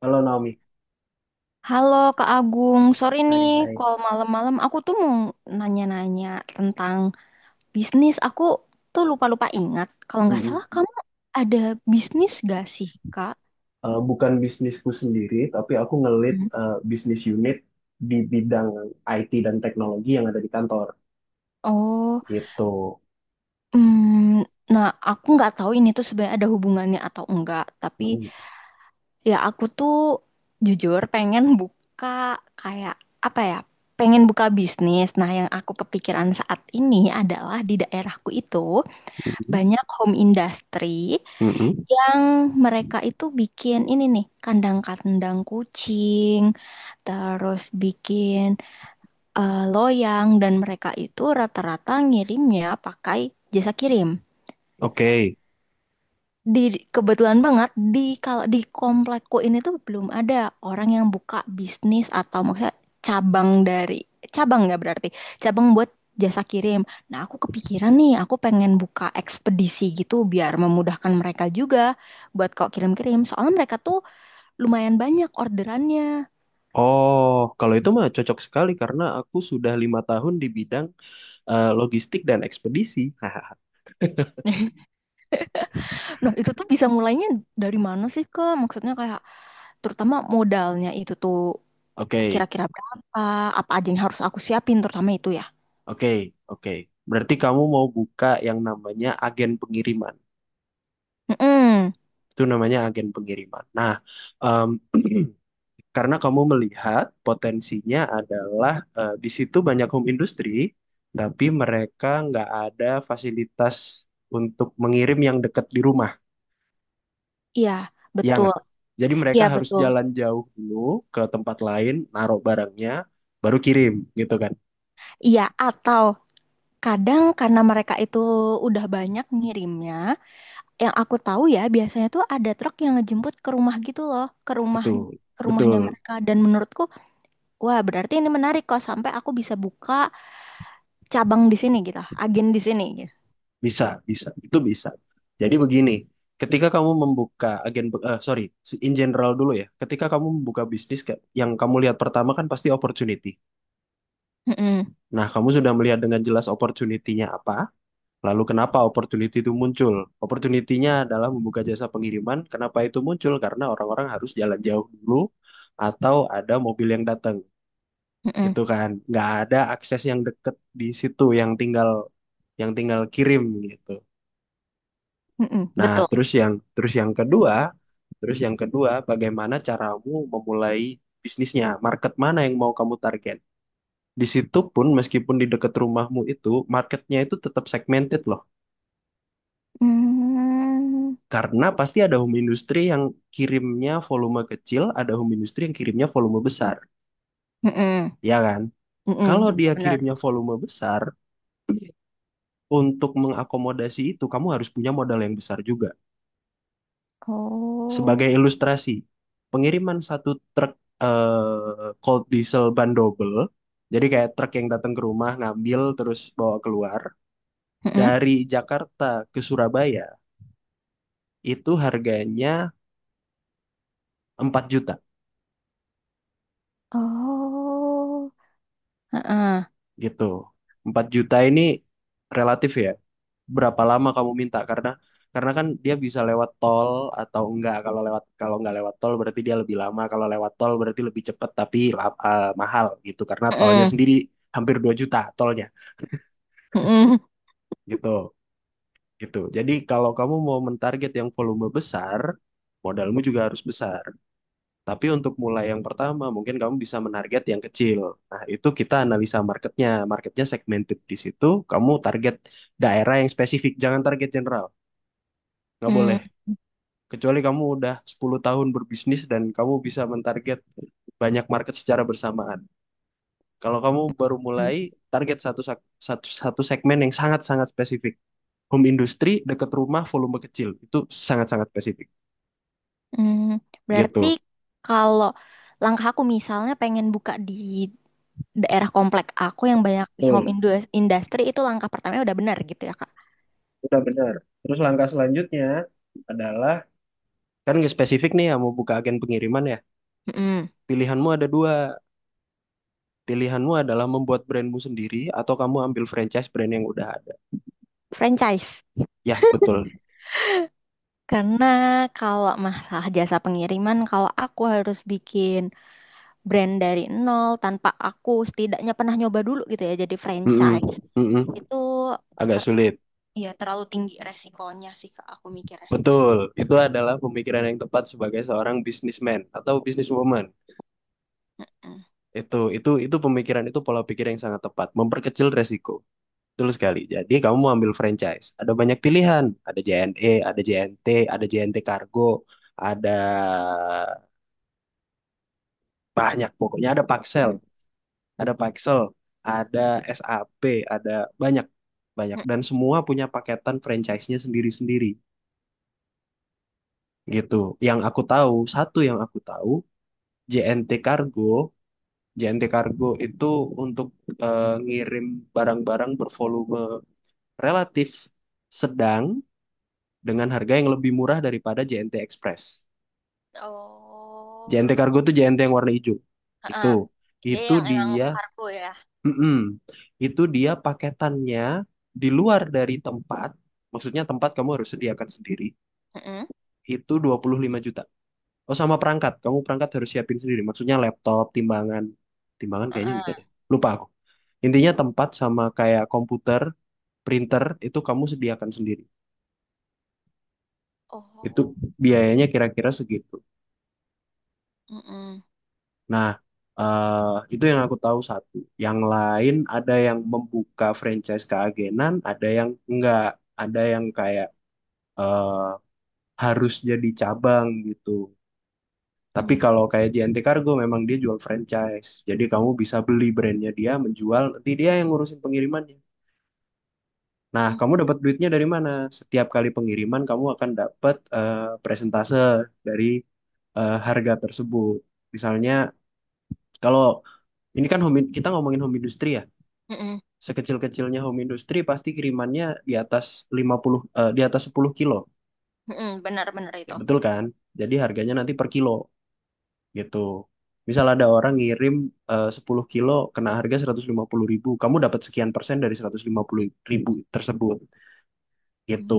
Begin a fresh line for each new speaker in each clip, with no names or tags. Halo Naomi,
Halo Kak Agung, sorry nih
hai hai.
call malam-malam. Aku tuh mau nanya-nanya tentang bisnis. Aku tuh lupa-lupa ingat. Kalau nggak salah
Mm-mm.
kamu ada bisnis gak sih Kak?
Bukan bisnisku sendiri, tapi aku
Hmm.
bisnis unit di bidang IT dan teknologi yang ada di kantor,
Oh,
gitu.
hmm, nah aku nggak tahu ini tuh sebenarnya ada hubungannya atau enggak. Tapi
Mm-mm.
ya aku tuh jujur pengen buka kayak apa ya? Pengen buka bisnis. Nah, yang aku kepikiran saat ini adalah di daerahku itu
Mhm.
banyak home industry
Mhm.
yang mereka itu bikin ini nih kandang-kandang kucing, terus bikin loyang dan mereka itu rata-rata ngirimnya pakai jasa kirim.
Oke.
Di kebetulan banget kalau di komplekku ini tuh belum ada orang yang buka bisnis atau maksudnya cabang dari cabang nggak berarti cabang buat jasa kirim. Nah, aku kepikiran nih, aku pengen buka ekspedisi gitu biar memudahkan mereka juga buat kalau kirim-kirim. Soalnya mereka tuh lumayan banyak orderannya.
Oh, kalau itu mah cocok sekali karena aku sudah 5 tahun di bidang logistik dan ekspedisi.
Nah, itu tuh bisa mulainya dari mana sih, Kak? Maksudnya kayak terutama modalnya itu tuh
Oke,
kira-kira berapa, apa aja yang harus aku siapin terutama itu ya.
oke, oke. Berarti kamu mau buka yang namanya agen pengiriman.
Mm-mm.
Itu namanya agen pengiriman. Nah, em, karena kamu melihat potensinya adalah, di situ banyak home industry, tapi mereka nggak ada fasilitas untuk mengirim yang dekat di rumah,
Iya,
ya
betul.
nggak? Jadi
Iya,
mereka harus
betul.
jalan jauh dulu ke tempat lain, naruh barangnya, baru kirim, gitu kan?
Iya, atau kadang karena mereka itu udah banyak ngirimnya, yang aku tahu ya biasanya tuh ada truk yang ngejemput ke rumah gitu loh, ke rumah
Betul,
ke rumahnya
betul,
mereka dan menurutku wah berarti ini menarik kok sampai aku bisa buka cabang di sini gitu, agen di sini gitu.
bisa, bisa, itu bisa. Jadi begini, ketika kamu membuka agen, sorry, in general dulu ya, ketika kamu membuka bisnis, yang kamu lihat pertama kan pasti opportunity.
Mm-mm,
Nah, kamu sudah melihat dengan jelas opportunity-nya apa, lalu kenapa opportunity itu muncul? Opportunity-nya adalah membuka jasa pengiriman. Kenapa itu muncul? Karena orang-orang harus jalan jauh dulu atau ada mobil yang datang, gitu
mm-mm,
kan? Nggak ada akses yang deket di situ, yang tinggal kirim gitu.
mm-mm,
Nah,
betul.
terus yang kedua, bagaimana caramu memulai bisnisnya? Market mana yang mau kamu target? Di situ pun meskipun di dekat rumahmu itu marketnya itu tetap segmented loh.
Mm,
Karena pasti ada home industry yang kirimnya volume kecil, ada home industry yang kirimnya volume besar,
mm-mm,
ya kan?
mm-mm,
Kalau
betul
dia
benar.
kirimnya volume besar, untuk mengakomodasi itu kamu harus punya modal yang besar juga.
Oh,
Sebagai ilustrasi, pengiriman satu truk cold diesel ban double, jadi kayak truk yang datang ke rumah ngambil terus bawa keluar
mm-mm,
dari Jakarta ke Surabaya itu harganya 4 juta
oh, heeh,
gitu. 4 juta ini relatif ya. Berapa lama kamu minta? Karena kan dia bisa lewat tol atau enggak. Kalau enggak lewat tol berarti dia lebih lama. Kalau lewat tol berarti lebih cepat tapi mahal gitu. Karena tolnya
mm-mm,
sendiri hampir 2 juta tolnya
mm-mm,
gitu. Gitu. Jadi kalau kamu mau mentarget yang volume besar, modalmu juga harus besar. Tapi untuk mulai yang pertama, mungkin kamu bisa menarget yang kecil. Nah, itu kita analisa marketnya. Marketnya segmented di situ. Kamu target daerah yang spesifik. Jangan target general. Nggak boleh.
mm,
Kecuali kamu udah 10 tahun berbisnis dan kamu bisa mentarget banyak market secara bersamaan. Kalau kamu baru
mm,
mulai, target satu segmen yang sangat-sangat spesifik. Home industry, dekat rumah, volume kecil. Itu sangat-sangat spesifik.
mm. Berarti
Gitu.
kalau langkah aku misalnya pengen buka di daerah komplek aku yang banyak
Betul.
industry itu langkah pertamanya udah benar gitu ya Kak.
Udah benar. Terus langkah selanjutnya adalah. Kan nggak spesifik nih ya mau buka agen pengiriman ya.
Mm-mm.
Pilihanmu ada dua. Pilihanmu adalah membuat brandmu sendiri atau kamu ambil franchise brand yang udah ada.
Franchise.
Ya, betul.
Karena kalau masalah jasa pengiriman, kalau aku harus bikin brand dari nol tanpa aku setidaknya pernah nyoba dulu gitu ya, jadi
Mm-mm,
franchise.
mm-mm.
Itu
Agak
ter
sulit.
ya terlalu tinggi resikonya sih Kak, aku mikirnya.
Betul. Itu adalah pemikiran yang tepat sebagai seorang businessman atau businesswoman.
Mm-mm.
Itu pola pikir yang sangat tepat, memperkecil resiko. Betul sekali. Jadi kamu mau ambil franchise. Ada banyak pilihan. Ada JNE, ada JNT, ada JNT Kargo, ada banyak pokoknya ada Paxel, ada SAP, ada banyak banyak dan
Mm-mm.
semua punya paketan franchise-nya sendiri-sendiri gitu. Yang aku tahu, satu yang aku tahu, JNT Cargo, JNT Cargo itu untuk ngirim barang-barang bervolume relatif sedang dengan harga yang lebih murah daripada JNT Express.
Oh,
JNT Cargo itu JNT yang warna hijau. Itu
heeh. Dia
itu
yang emang
dia.
kargo ya.
Mm-mm. Itu dia paketannya di luar dari tempat, maksudnya tempat kamu harus sediakan sendiri,
Mm-mm.
itu 25 juta. Oh, sama perangkat, kamu perangkat harus siapin sendiri, maksudnya laptop, timbangan. Timbangan kayaknya udah
Heeh.
deh, lupa aku. Intinya tempat sama kayak komputer, printer, itu kamu sediakan sendiri. Itu
Oh,
biayanya kira-kira segitu.
mm-mm.
Nah, itu yang aku tahu satu. Yang lain ada yang membuka franchise keagenan, ada yang enggak. Ada yang kayak eh, harus jadi cabang gitu. Tapi
Mm-mm.
kalau kayak JNT Cargo memang dia jual franchise. Jadi kamu bisa beli brandnya dia, menjual, nanti dia yang ngurusin pengirimannya. Nah, kamu dapat duitnya dari mana? Setiap kali pengiriman kamu akan dapat presentase dari, harga tersebut. Misalnya kalau ini kan home, kita ngomongin home industry ya.
Mm-mm.
Sekecil-kecilnya home industry pasti kirimannya di atas di atas 10 kilo.
Mm-mm. Benar-benar
Ya,
itu.
betul kan? Jadi harganya nanti per kilo, gitu. Misal ada orang ngirim, 10 kilo kena harga 150 ribu, kamu dapat sekian persen dari 150 ribu tersebut gitu.
Mm.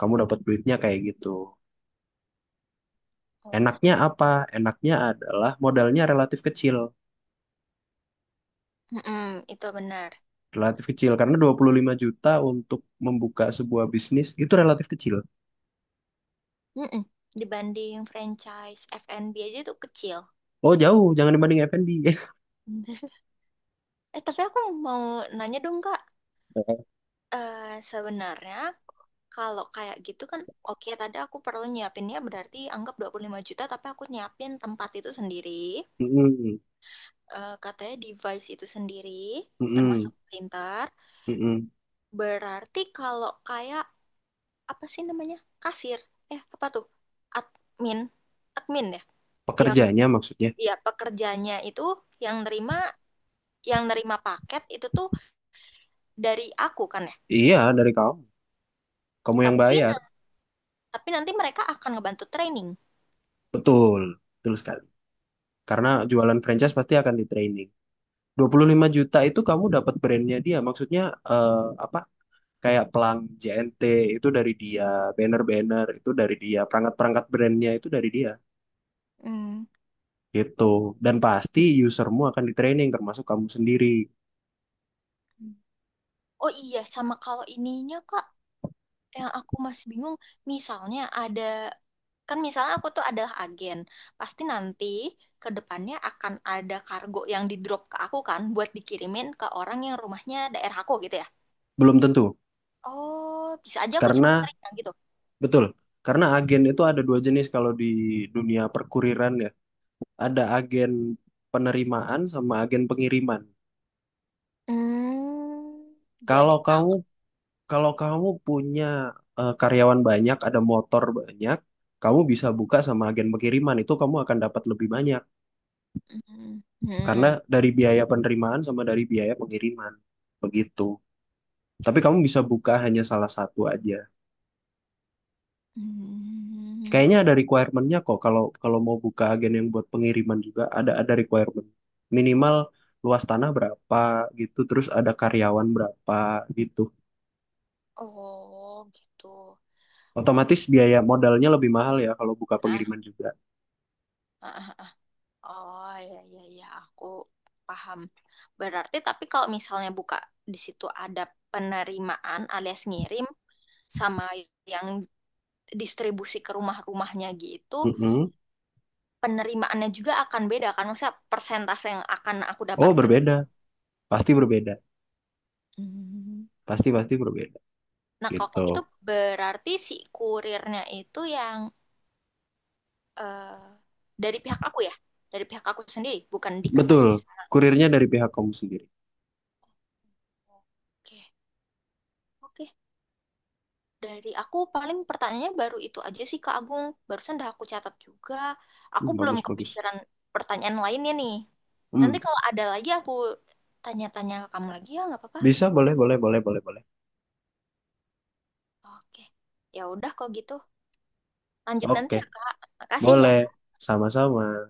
Kamu dapat duitnya kayak gitu.
Oh.
Enaknya apa? Enaknya adalah modalnya relatif kecil.
Mm-mm. Itu benar.
Relatif kecil karena 25 juta untuk membuka sebuah bisnis itu relatif kecil.
Mm-mm. Dibanding franchise F&B aja tuh kecil.
Oh, jauh, jangan dibanding F&B.
Tapi aku mau nanya dong, Kak. Eh, sebenarnya kalau kayak gitu kan, oke tadi aku perlu nyiapinnya berarti anggap 25 juta, tapi aku nyiapin tempat itu sendiri,
Mm-mm,
katanya device itu sendiri,
mm-mm,
termasuk printer.
mm-mm.
Berarti kalau kayak, apa sih namanya? Kasir. Eh, apa tuh? Admin. Admin ya? Yang,
Pekerjanya maksudnya.
ya pekerjanya itu yang nerima yang nerima paket itu tuh dari aku kan ya.
Iya, dari kamu. Kamu yang
Tapi
bayar.
tapi nanti mereka akan ngebantu training.
Betul, betul sekali. Karena jualan franchise pasti akan di training. 25 juta itu kamu dapat brandnya dia. Maksudnya, eh, apa? Kayak pelang JNT itu dari dia, banner-banner itu dari dia, perangkat-perangkat brandnya itu dari dia.
Hmm.
Gitu. Dan pasti usermu akan di training termasuk kamu sendiri.
Oh iya, sama kalau ininya Kak, yang aku masih bingung, misalnya ada kan misalnya aku tuh adalah agen, pasti nanti ke depannya akan ada kargo yang di drop ke aku kan buat dikirimin ke orang yang rumahnya daerah aku gitu ya.
Belum tentu.
Oh, bisa aja aku cuma
Karena
nerima gitu.
betul. Karena agen itu ada dua jenis kalau di dunia perkuriran ya. Ada agen penerimaan sama agen pengiriman.
Hmm, jadi
Kalau kamu
Kak,
Kalau kamu punya, karyawan banyak, ada motor banyak, kamu bisa buka sama agen pengiriman itu kamu akan dapat lebih banyak
hmm,
karena
hmm,
dari biaya penerimaan sama dari biaya pengiriman begitu. Tapi kamu bisa buka hanya salah satu aja.
hmm.
Kayaknya ada requirementnya kok kalau kalau mau buka agen yang buat pengiriman juga ada requirement. Minimal luas tanah berapa gitu, terus ada karyawan berapa gitu.
Oh, gitu.
Otomatis biaya modalnya lebih mahal ya kalau buka
Hah?
pengiriman juga.
Ah, oh, ya, ya, ya, aku paham. Berarti, tapi kalau misalnya buka di situ ada penerimaan alias ngirim sama yang distribusi ke rumah-rumahnya gitu,
Mm-mm.
penerimaannya juga akan beda kan? Maksudnya persentase yang akan aku
Oh,
dapatkan.
berbeda.
Gitu.
Pasti berbeda,
Hmm.
pasti pasti berbeda
Nah, kalau
gitu.
kayak gitu berarti si kurirnya itu yang eh, dari pihak aku ya, dari pihak aku sendiri, bukan
Betul,
dikasih sama.
kurirnya dari pihak kamu sendiri.
Oke, oke, dari aku paling pertanyaannya baru itu aja sih Kak Agung. Barusan udah aku catat juga. Aku
Hmm,
belum
bagus bagus.
kepikiran pertanyaan lainnya nih. Nanti
Hmm,
kalau ada lagi aku tanya-tanya ke kamu lagi ya nggak apa-apa.
bisa boleh boleh boleh boleh boleh.
Oke. Ya udah kalau gitu. Lanjut nanti
Oke,
ya Kak. Makasih
boleh.
ya.
Sama-sama.